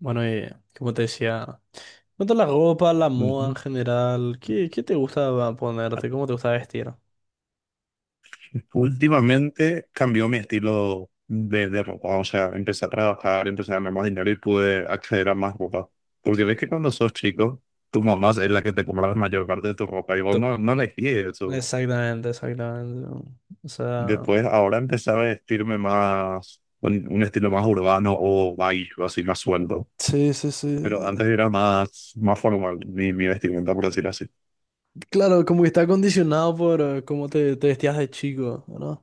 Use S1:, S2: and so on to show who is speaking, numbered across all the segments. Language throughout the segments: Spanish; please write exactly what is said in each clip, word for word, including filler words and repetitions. S1: Bueno, y como te decía, cuanto a la ropa, la moda en
S2: Ujú.
S1: general, ¿qué, qué te gusta
S2: Ah,
S1: ponerte? ¿Cómo te gusta vestir?
S2: últimamente cambió mi estilo de, de ropa, o sea, empecé a trabajar, empecé a ganar más dinero y pude acceder a más ropa. Porque ves que cuando sos chico, tu mamá es la que te compra la mayor parte de tu ropa y vos
S1: To-
S2: no, no elegí eso.
S1: Exactamente, exactamente. O sea,
S2: Después, ahora empecé a vestirme más, con un estilo más urbano o baggy, o así más suelto.
S1: sí, sí, sí.
S2: Pero antes era más, más formal mi, mi vestimenta, por decir así.
S1: Claro, como que está condicionado por eh, cómo te, te vestías de chico, ¿no?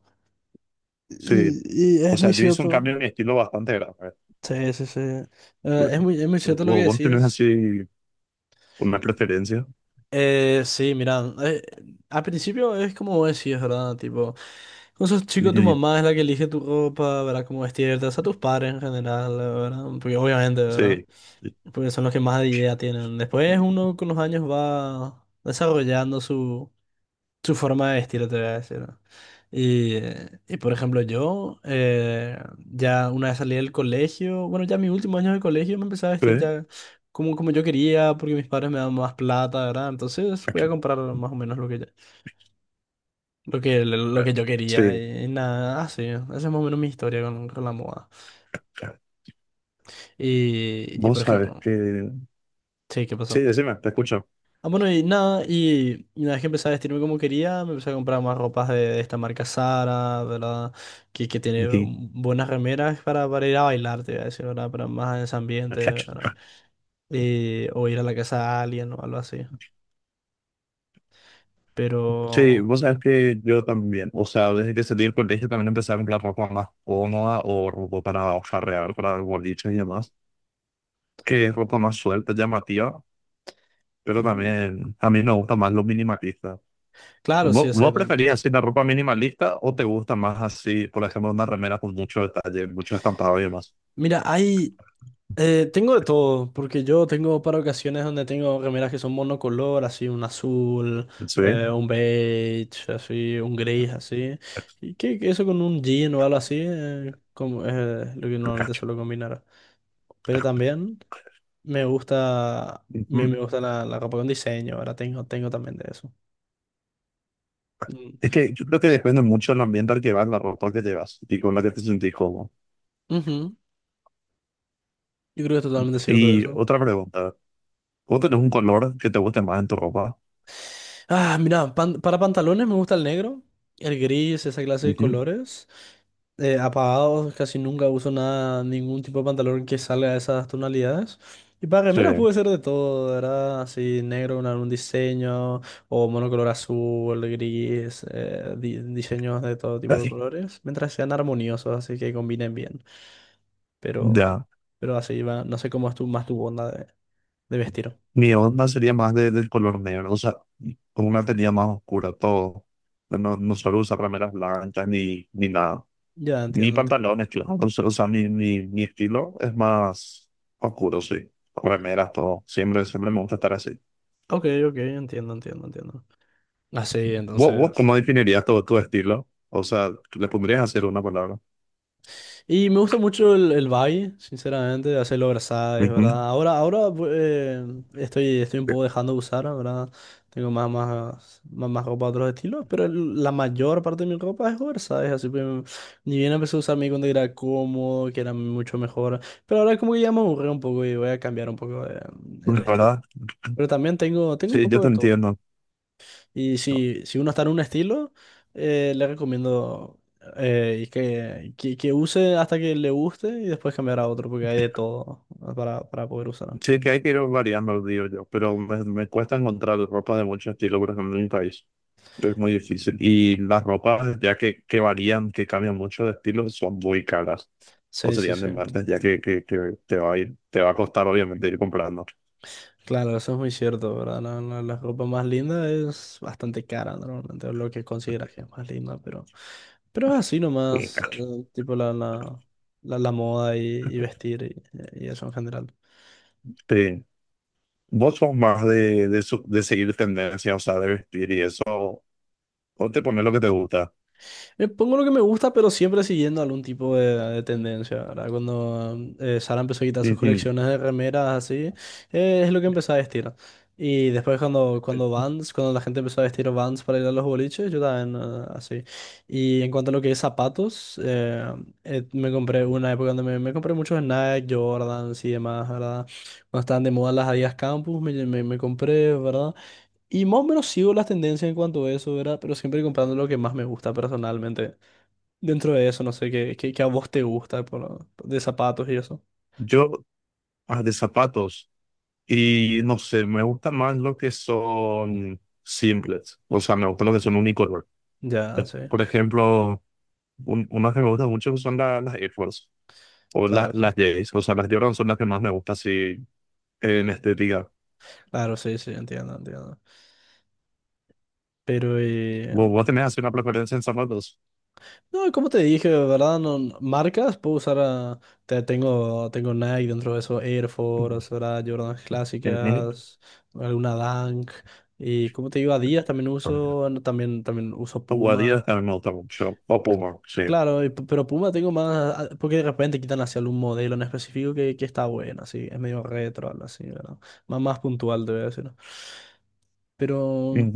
S2: Sí,
S1: Y, y
S2: o
S1: es
S2: sea,
S1: muy
S2: yo hice un cambio
S1: cierto.
S2: en mi estilo bastante grande.
S1: Sí, sí, sí. Eh, es
S2: Bueno,
S1: muy, es muy cierto lo que
S2: ¿Vos vos tenés
S1: decís.
S2: así una preferencia?
S1: Eh, sí, mira, eh, al principio es como vos decís, ¿verdad? Tipo, con sos
S2: Y,
S1: chico tu
S2: y-
S1: mamá es la que elige tu ropa, ¿verdad? Cómo vestirte, o sea, tus padres en general, ¿verdad? Porque obviamente, ¿verdad?
S2: sí, y-
S1: Porque son los que más idea tienen. Después uno con los años va desarrollando su su forma de vestir, te voy a decir, ¿no? Y, y, por ejemplo, yo eh, ya una vez salí del colegio, bueno, ya mi último año de colegio me empecé a vestir
S2: ¿eh?
S1: ya como, como yo quería, porque mis padres me daban más plata, ¿verdad? Entonces voy a
S2: Aquí.
S1: comprar más o menos lo que, ya- lo que, lo que
S2: Claro,
S1: yo quería
S2: sí,
S1: y, nada, así, esa es más o menos mi historia con, con la moda.
S2: claro.
S1: Y, y por
S2: Vos sabes
S1: ejemplo,
S2: que.
S1: sí, ¿qué
S2: Sí,
S1: pasó?
S2: decime, te escucho.
S1: Ah, bueno, y nada, y, y una vez que empecé a vestirme como quería, me empecé a comprar más ropas de, de esta marca Zara, ¿verdad? Que, que tiene
S2: Aquí.
S1: buenas remeras para, para ir a bailar, te voy a decir, ¿verdad? Para más en ese ambiente, ¿verdad? Eh, o ir a la casa de alguien o algo así. Pero,
S2: Sí, vos sabes que yo también, o sea, desde que salí del colegio también empecé a comprar ropa más cómoda o ropa para farrear, para el boliche y demás, que es ropa más suelta, llamativa, pero
S1: ujú,
S2: también a mí me gusta más lo minimalista.
S1: claro, sí,
S2: ¿Vo- ¿Vos,
S1: exactamente.
S2: preferís así la ropa minimalista o te gusta más así, por ejemplo, una remera con mucho detalle, mucho estampado y demás?
S1: Mira, hay, Eh, tengo de todo, porque yo tengo para ocasiones donde tengo remeras que son monocolor, así un azul, eh,
S2: Sí.
S1: un beige, así, un gris, así. Y que, que eso con un jean o algo así, eh, como es lo que normalmente suelo combinar. Pero también me gusta, me, me
S2: Ujú.
S1: gusta la, la ropa con diseño, ahora tengo, tengo también de eso. Mm.
S2: Es que yo creo que depende mucho del ambiente al que vas, la ropa que llevas y con la que te sentís cómodo.
S1: Ujú. Yo creo que es totalmente cierto
S2: Y
S1: eso.
S2: otra pregunta, ¿vos tenés un color que te guste más en tu ropa?
S1: Ah, mira, pan- para pantalones me gusta el negro, el gris, esa clase de
S2: Ujú.
S1: colores. Eh, apagados, casi nunca uso nada, ningún tipo de pantalón que salga de esas tonalidades. Y para
S2: Sí,
S1: remeras puede ser de todo, ¿verdad? Así negro con algún diseño, o monocolor azul, gris, eh, di- diseños de todo tipo de
S2: así.
S1: colores, mientras sean armoniosos, así que combinen bien. Pero,
S2: Ya.
S1: pero así va, no sé cómo es tu, más tu onda de, de vestir.
S2: Mi onda sería más de- del color negro, o sea, con una tenía más oscura todo. No, no suelo usar remeras blancas ni, ni nada.
S1: Ya
S2: Ni
S1: entiendo, entiendo.
S2: pantalones, claro. O sea, o sea, mi, mi, mi estilo es más oscuro, sí. Remeras, todo. Siempre, siempre me gusta estar así.
S1: Ok, ok, entiendo, entiendo, entiendo. Así,
S2: ¿Vos, vos
S1: entonces.
S2: cómo definirías todo tu estilo? O sea, ¿le pondrías a hacer una palabra?
S1: Y me gusta mucho el, el Valle, sinceramente, hacerlo es
S2: Ujú.
S1: ¿verdad? Ahora, ahora bu- eh, estoy, estoy un poco dejando de usar, ¿verdad? Tengo más, más, más, más ropa de otros estilos, pero el- la mayor parte de mi ropa es oversize, así que mm, ni bien empecé a usar mi cuando era cómodo, que era mucho mejor, pero ahora como que ya me aburrí un poco y voy a cambiar un poco de- el
S2: La
S1: estilo.
S2: ¿Verdad?
S1: Pero también tengo, tengo un
S2: Sí, yo
S1: poco
S2: te
S1: de todo.
S2: entiendo.
S1: Y si, si uno está en un estilo, eh, le recomiendo eh, y que, que, que use hasta que le guste y después cambiar a otro, porque hay de todo, ¿no? para, para poder usar.
S2: Sí, que hay que ir variando, digo yo, pero me, me cuesta encontrar ropa de mucho estilo, por ejemplo, en mi país. Es muy difícil. Y las ropas, ya que, que varían, que cambian mucho de estilo, son muy caras. O
S1: Sí, sí,
S2: serían de
S1: sí.
S2: martes, ya que, que, que te va a ir, te va a costar obviamente ir comprando.
S1: Claro, eso es muy cierto, ¿verdad? La, la- la ropa más linda es bastante cara, normalmente, lo que consideras que es más linda, pero, pero es así nomás,
S2: Este,
S1: eh, tipo la, la, la, la moda y, y vestir y, y eso en general.
S2: vos sos más de, de, su- de seguir tendencias, o sea, de vestir y eso, o te pones lo que te gusta.
S1: Me pongo lo que me gusta, pero siempre siguiendo algún tipo de, de tendencia, ¿verdad? Cuando eh, Sara empezó a quitar sus
S2: En fin,
S1: colecciones de remeras así, eh, es lo que empecé a vestir. Y después cuando, cuando Vans, cuando la gente empezó a vestir Vans para ir a los boliches, yo también eh, así. Y en cuanto a lo que es zapatos, eh, eh, me compré una época donde me, me compré muchos Nike, Jordans y demás, ¿verdad? Cuando estaban de moda las Adidas Campus, me, me, me compré, ¿verdad? Y más o menos sigo las tendencias en cuanto a eso, ¿verdad? Pero siempre comprando lo que más me gusta personalmente. Dentro de eso, no sé, qué, qué, qué a vos te gusta por- de zapatos y eso.
S2: yo ah, de zapatos, y no sé, me gustan más los que son simples, o sea, me gustan los que son unicolor.
S1: Ya, sí,
S2: Por ejemplo, un- unas que me gustan mucho son la- las Air Force, o la-
S1: claro, sí.
S2: las Jays, o sea, las Jordan son las que más me gustan así en estética.
S1: Claro, sí, sí, entiendo, entiendo. Pero, eh,
S2: Vos, vos tenés así una preferencia en zapatos.
S1: no, como te dije, ¿verdad? No, no- marcas, puedo usar, ah, te- tengo, tengo Nike dentro de eso, Air
S2: Mm.
S1: Force, ¿verdad? Jordan
S2: Mm,
S1: clásicas, alguna Dunk. Y como te digo, Adidas también
S2: mm.
S1: uso, no, también, también uso
S2: Jugaría
S1: Puma.
S2: en el mucho. O Puma, sí.
S1: Claro, y p- pero Puma tengo más, ah, porque de repente quitan hacia algún modelo en específico que, que está bueno, así, es medio retro, algo así, ¿verdad? Más, más puntual, te voy a decir, ¿no? Pero,
S2: Mm,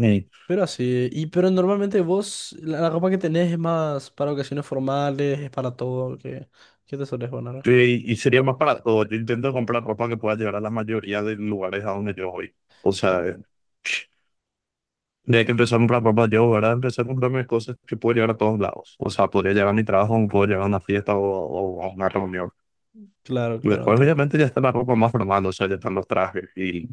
S1: pero así, y pero normalmente vos, la, la ropa que tenés es más para ocasiones formales, es para todo, que ¿qué te sueles poner?
S2: sí, y sería más para todo. Yo intento comprar ropa que pueda llegar a la mayoría de lugares a donde yo voy. O sea,
S1: Claro,
S2: eh, desde que empecé a comprar ropa yo, ¿verdad? Empecé a comprarme cosas que puedo llegar a todos lados. O sea, podría llegar a mi trabajo, puedo llegar a una fiesta o, o a una reunión.
S1: claro, claro,
S2: Después,
S1: entiendo.
S2: obviamente, ya está la ropa más formal, o sea, ya están los trajes y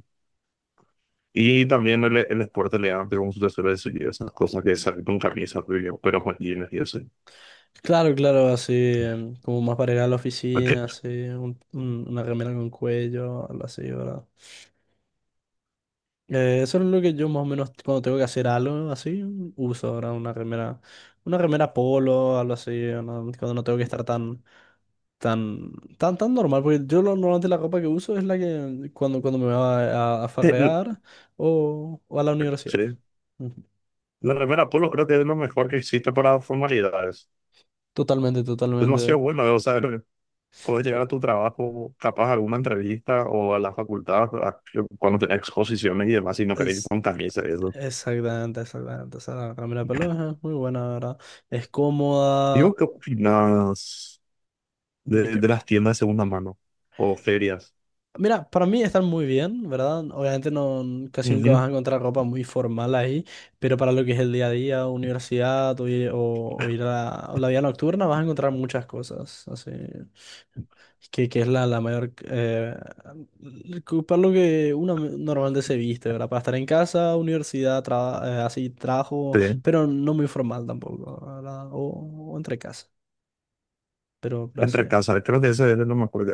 S2: Y también el, el deporte elegante como su tesoro de su esas cosas que salen con camisas, pero pero con jeans y eso.
S1: Claro, claro, así, em, como más para ir a la
S2: Porque,
S1: oficina, así, un- un- una remera con cuello, algo así, ¿verdad? Eh, eso es lo que yo más o menos cuando tengo que hacer algo así, uso ahora una remera, una remera polo, algo así, una- cuando no tengo que estar tan, tan, tan, tan normal, porque yo lo- normalmente la ropa que uso es la que cuando, cuando me va a, a
S2: eh,
S1: farrear o, o a la universidad.
S2: sí,
S1: Ujú.
S2: la remera polo creo que es lo mejor que existe para formalidades.
S1: Totalmente,
S2: Es
S1: totalmente.
S2: demasiado bueno, o sea, puedes llegar a tu trabajo, capaz a alguna entrevista o a la facultad, a- cuando tenés exposiciones y demás, y no querés ir
S1: Es,
S2: con camisa y eso.
S1: exactamente, exactamente. Esa remera pelo es muy buena, la ¿verdad? Es
S2: Digo,
S1: cómoda.
S2: ¿qué opinas
S1: ¿De
S2: de,
S1: qué?
S2: de las tiendas de segunda mano o ferias?
S1: Mira, para mí están muy bien, ¿verdad? Obviamente no, casi nunca vas
S2: Ujú.
S1: a encontrar ropa muy formal ahí, pero para lo que es el día a día, universidad o, ir o- o ir a la, o la vida nocturna, vas a encontrar muchas cosas, así, que, que es la, la mayor... eh, que- para lo que uno normalmente se viste, ¿verdad? Para estar en casa, universidad, tra- eh, así, trabajo,
S2: Sí,
S1: pero no muy formal tampoco, ¿verdad? O, o entre casa, pero, pero así.
S2: entre casas, creo que ese es lo mejor.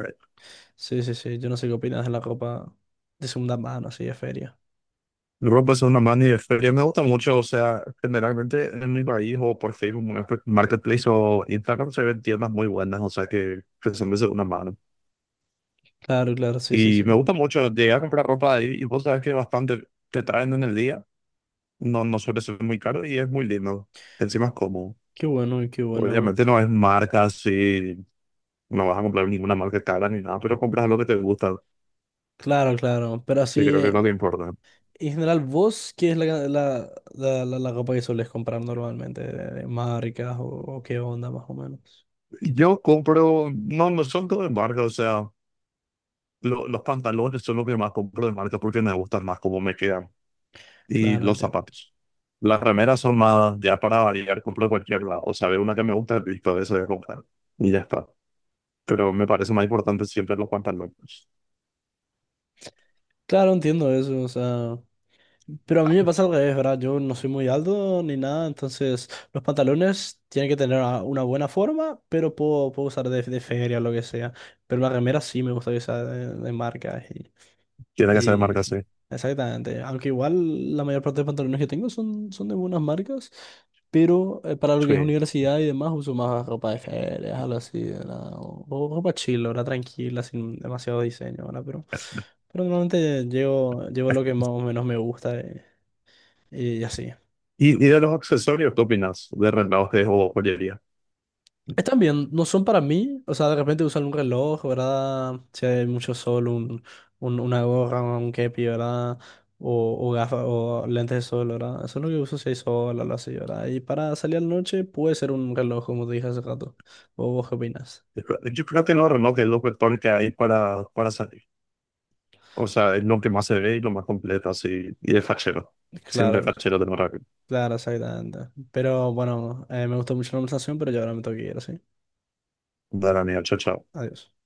S1: Sí, sí, sí, yo no sé qué opinas de la ropa de segunda mano, así, de feria.
S2: Luego pues una mano y de feria me gusta mucho, o sea, generalmente en mi país o por Facebook Mar- Marketplace o Instagram se ven tiendas muy buenas, o sea que que se me hace una mano.
S1: Claro, claro, sí, sí, sí.
S2: Y me gusta mucho llegar a comprar ropa ahí y vos sabes que bastante te traen en el día, no, no suele ser muy caro y es muy lindo, encima es cómodo.
S1: Qué bueno, y qué bueno.
S2: Obviamente no es marca así, no vas a comprar ninguna marca cara ni nada, pero compras lo que te gusta,
S1: Claro, claro. Pero
S2: que
S1: así,
S2: creo que
S1: eh,
S2: no te importa.
S1: en general, ¿vos qué es la, ca- la, la, la, la ropa que soles comprar normalmente? ¿De, de marcas o, o qué onda más o menos?
S2: Yo compro, no, no son todo de marca, o sea. Lo- los pantalones son lo que más compro de marca porque me gustan más cómo me quedan. Y
S1: Claro,
S2: los
S1: entiendo.
S2: zapatos. Las remeras son más, ya para variar, compro de cualquier lado. O sea, veo una que me gusta, listo, de eso voy a comprar. Y ya está. Pero me parece más importante siempre los pantalones.
S1: Claro, entiendo eso, o sea... Pero a mí me pasa al revés, ¿verdad? Yo no soy muy alto ni nada, entonces los pantalones tienen que tener a- una buena forma, pero puedo, puedo usar de, de feria o lo que sea. Pero la remera sí me gusta que sea de, de marca.
S2: Tiene que ser de
S1: Y
S2: marca, sí.
S1: sí, exactamente. Aunque igual la mayor parte de pantalones que tengo son, son de buenas marcas, pero eh, para lo que es
S2: Sí.
S1: universidad y demás uso más ropa de ferias, algo así, ¿verdad? O, o ropa chill, ¿verdad? Tranquila, sin demasiado diseño, ¿verdad? Pero, pero normalmente llevo, llevo lo que más o menos me gusta, eh, y así.
S2: ¿Y, y de los accesorios, qué opinas? ¿De relojes o joyería?
S1: Están bien, no son para mí, o sea, de repente usan un reloj, ¿verdad? Si hay mucho sol, un, un- una gorra, un kepi, ¿verdad? O, o gafas, o lentes de sol, ¿verdad? Eso es lo que uso si hay sol o algo así, ¿verdad? Y para salir a la noche puede ser un reloj, como te dije hace rato. ¿O vos qué opinas?
S2: Yo creo que no, reloj es lo mejor que hay para, para salir. O sea, es lo que más se ve y lo más completo, así. Y es fachero. Siempre
S1: Claro,
S2: fachero de Morag.
S1: claro, exactamente. Pero bueno, eh, me gustó mucho la conversación, pero yo ahora me tengo que ir, ¿sí?
S2: Dale, amigo, chao, chao.
S1: Adiós.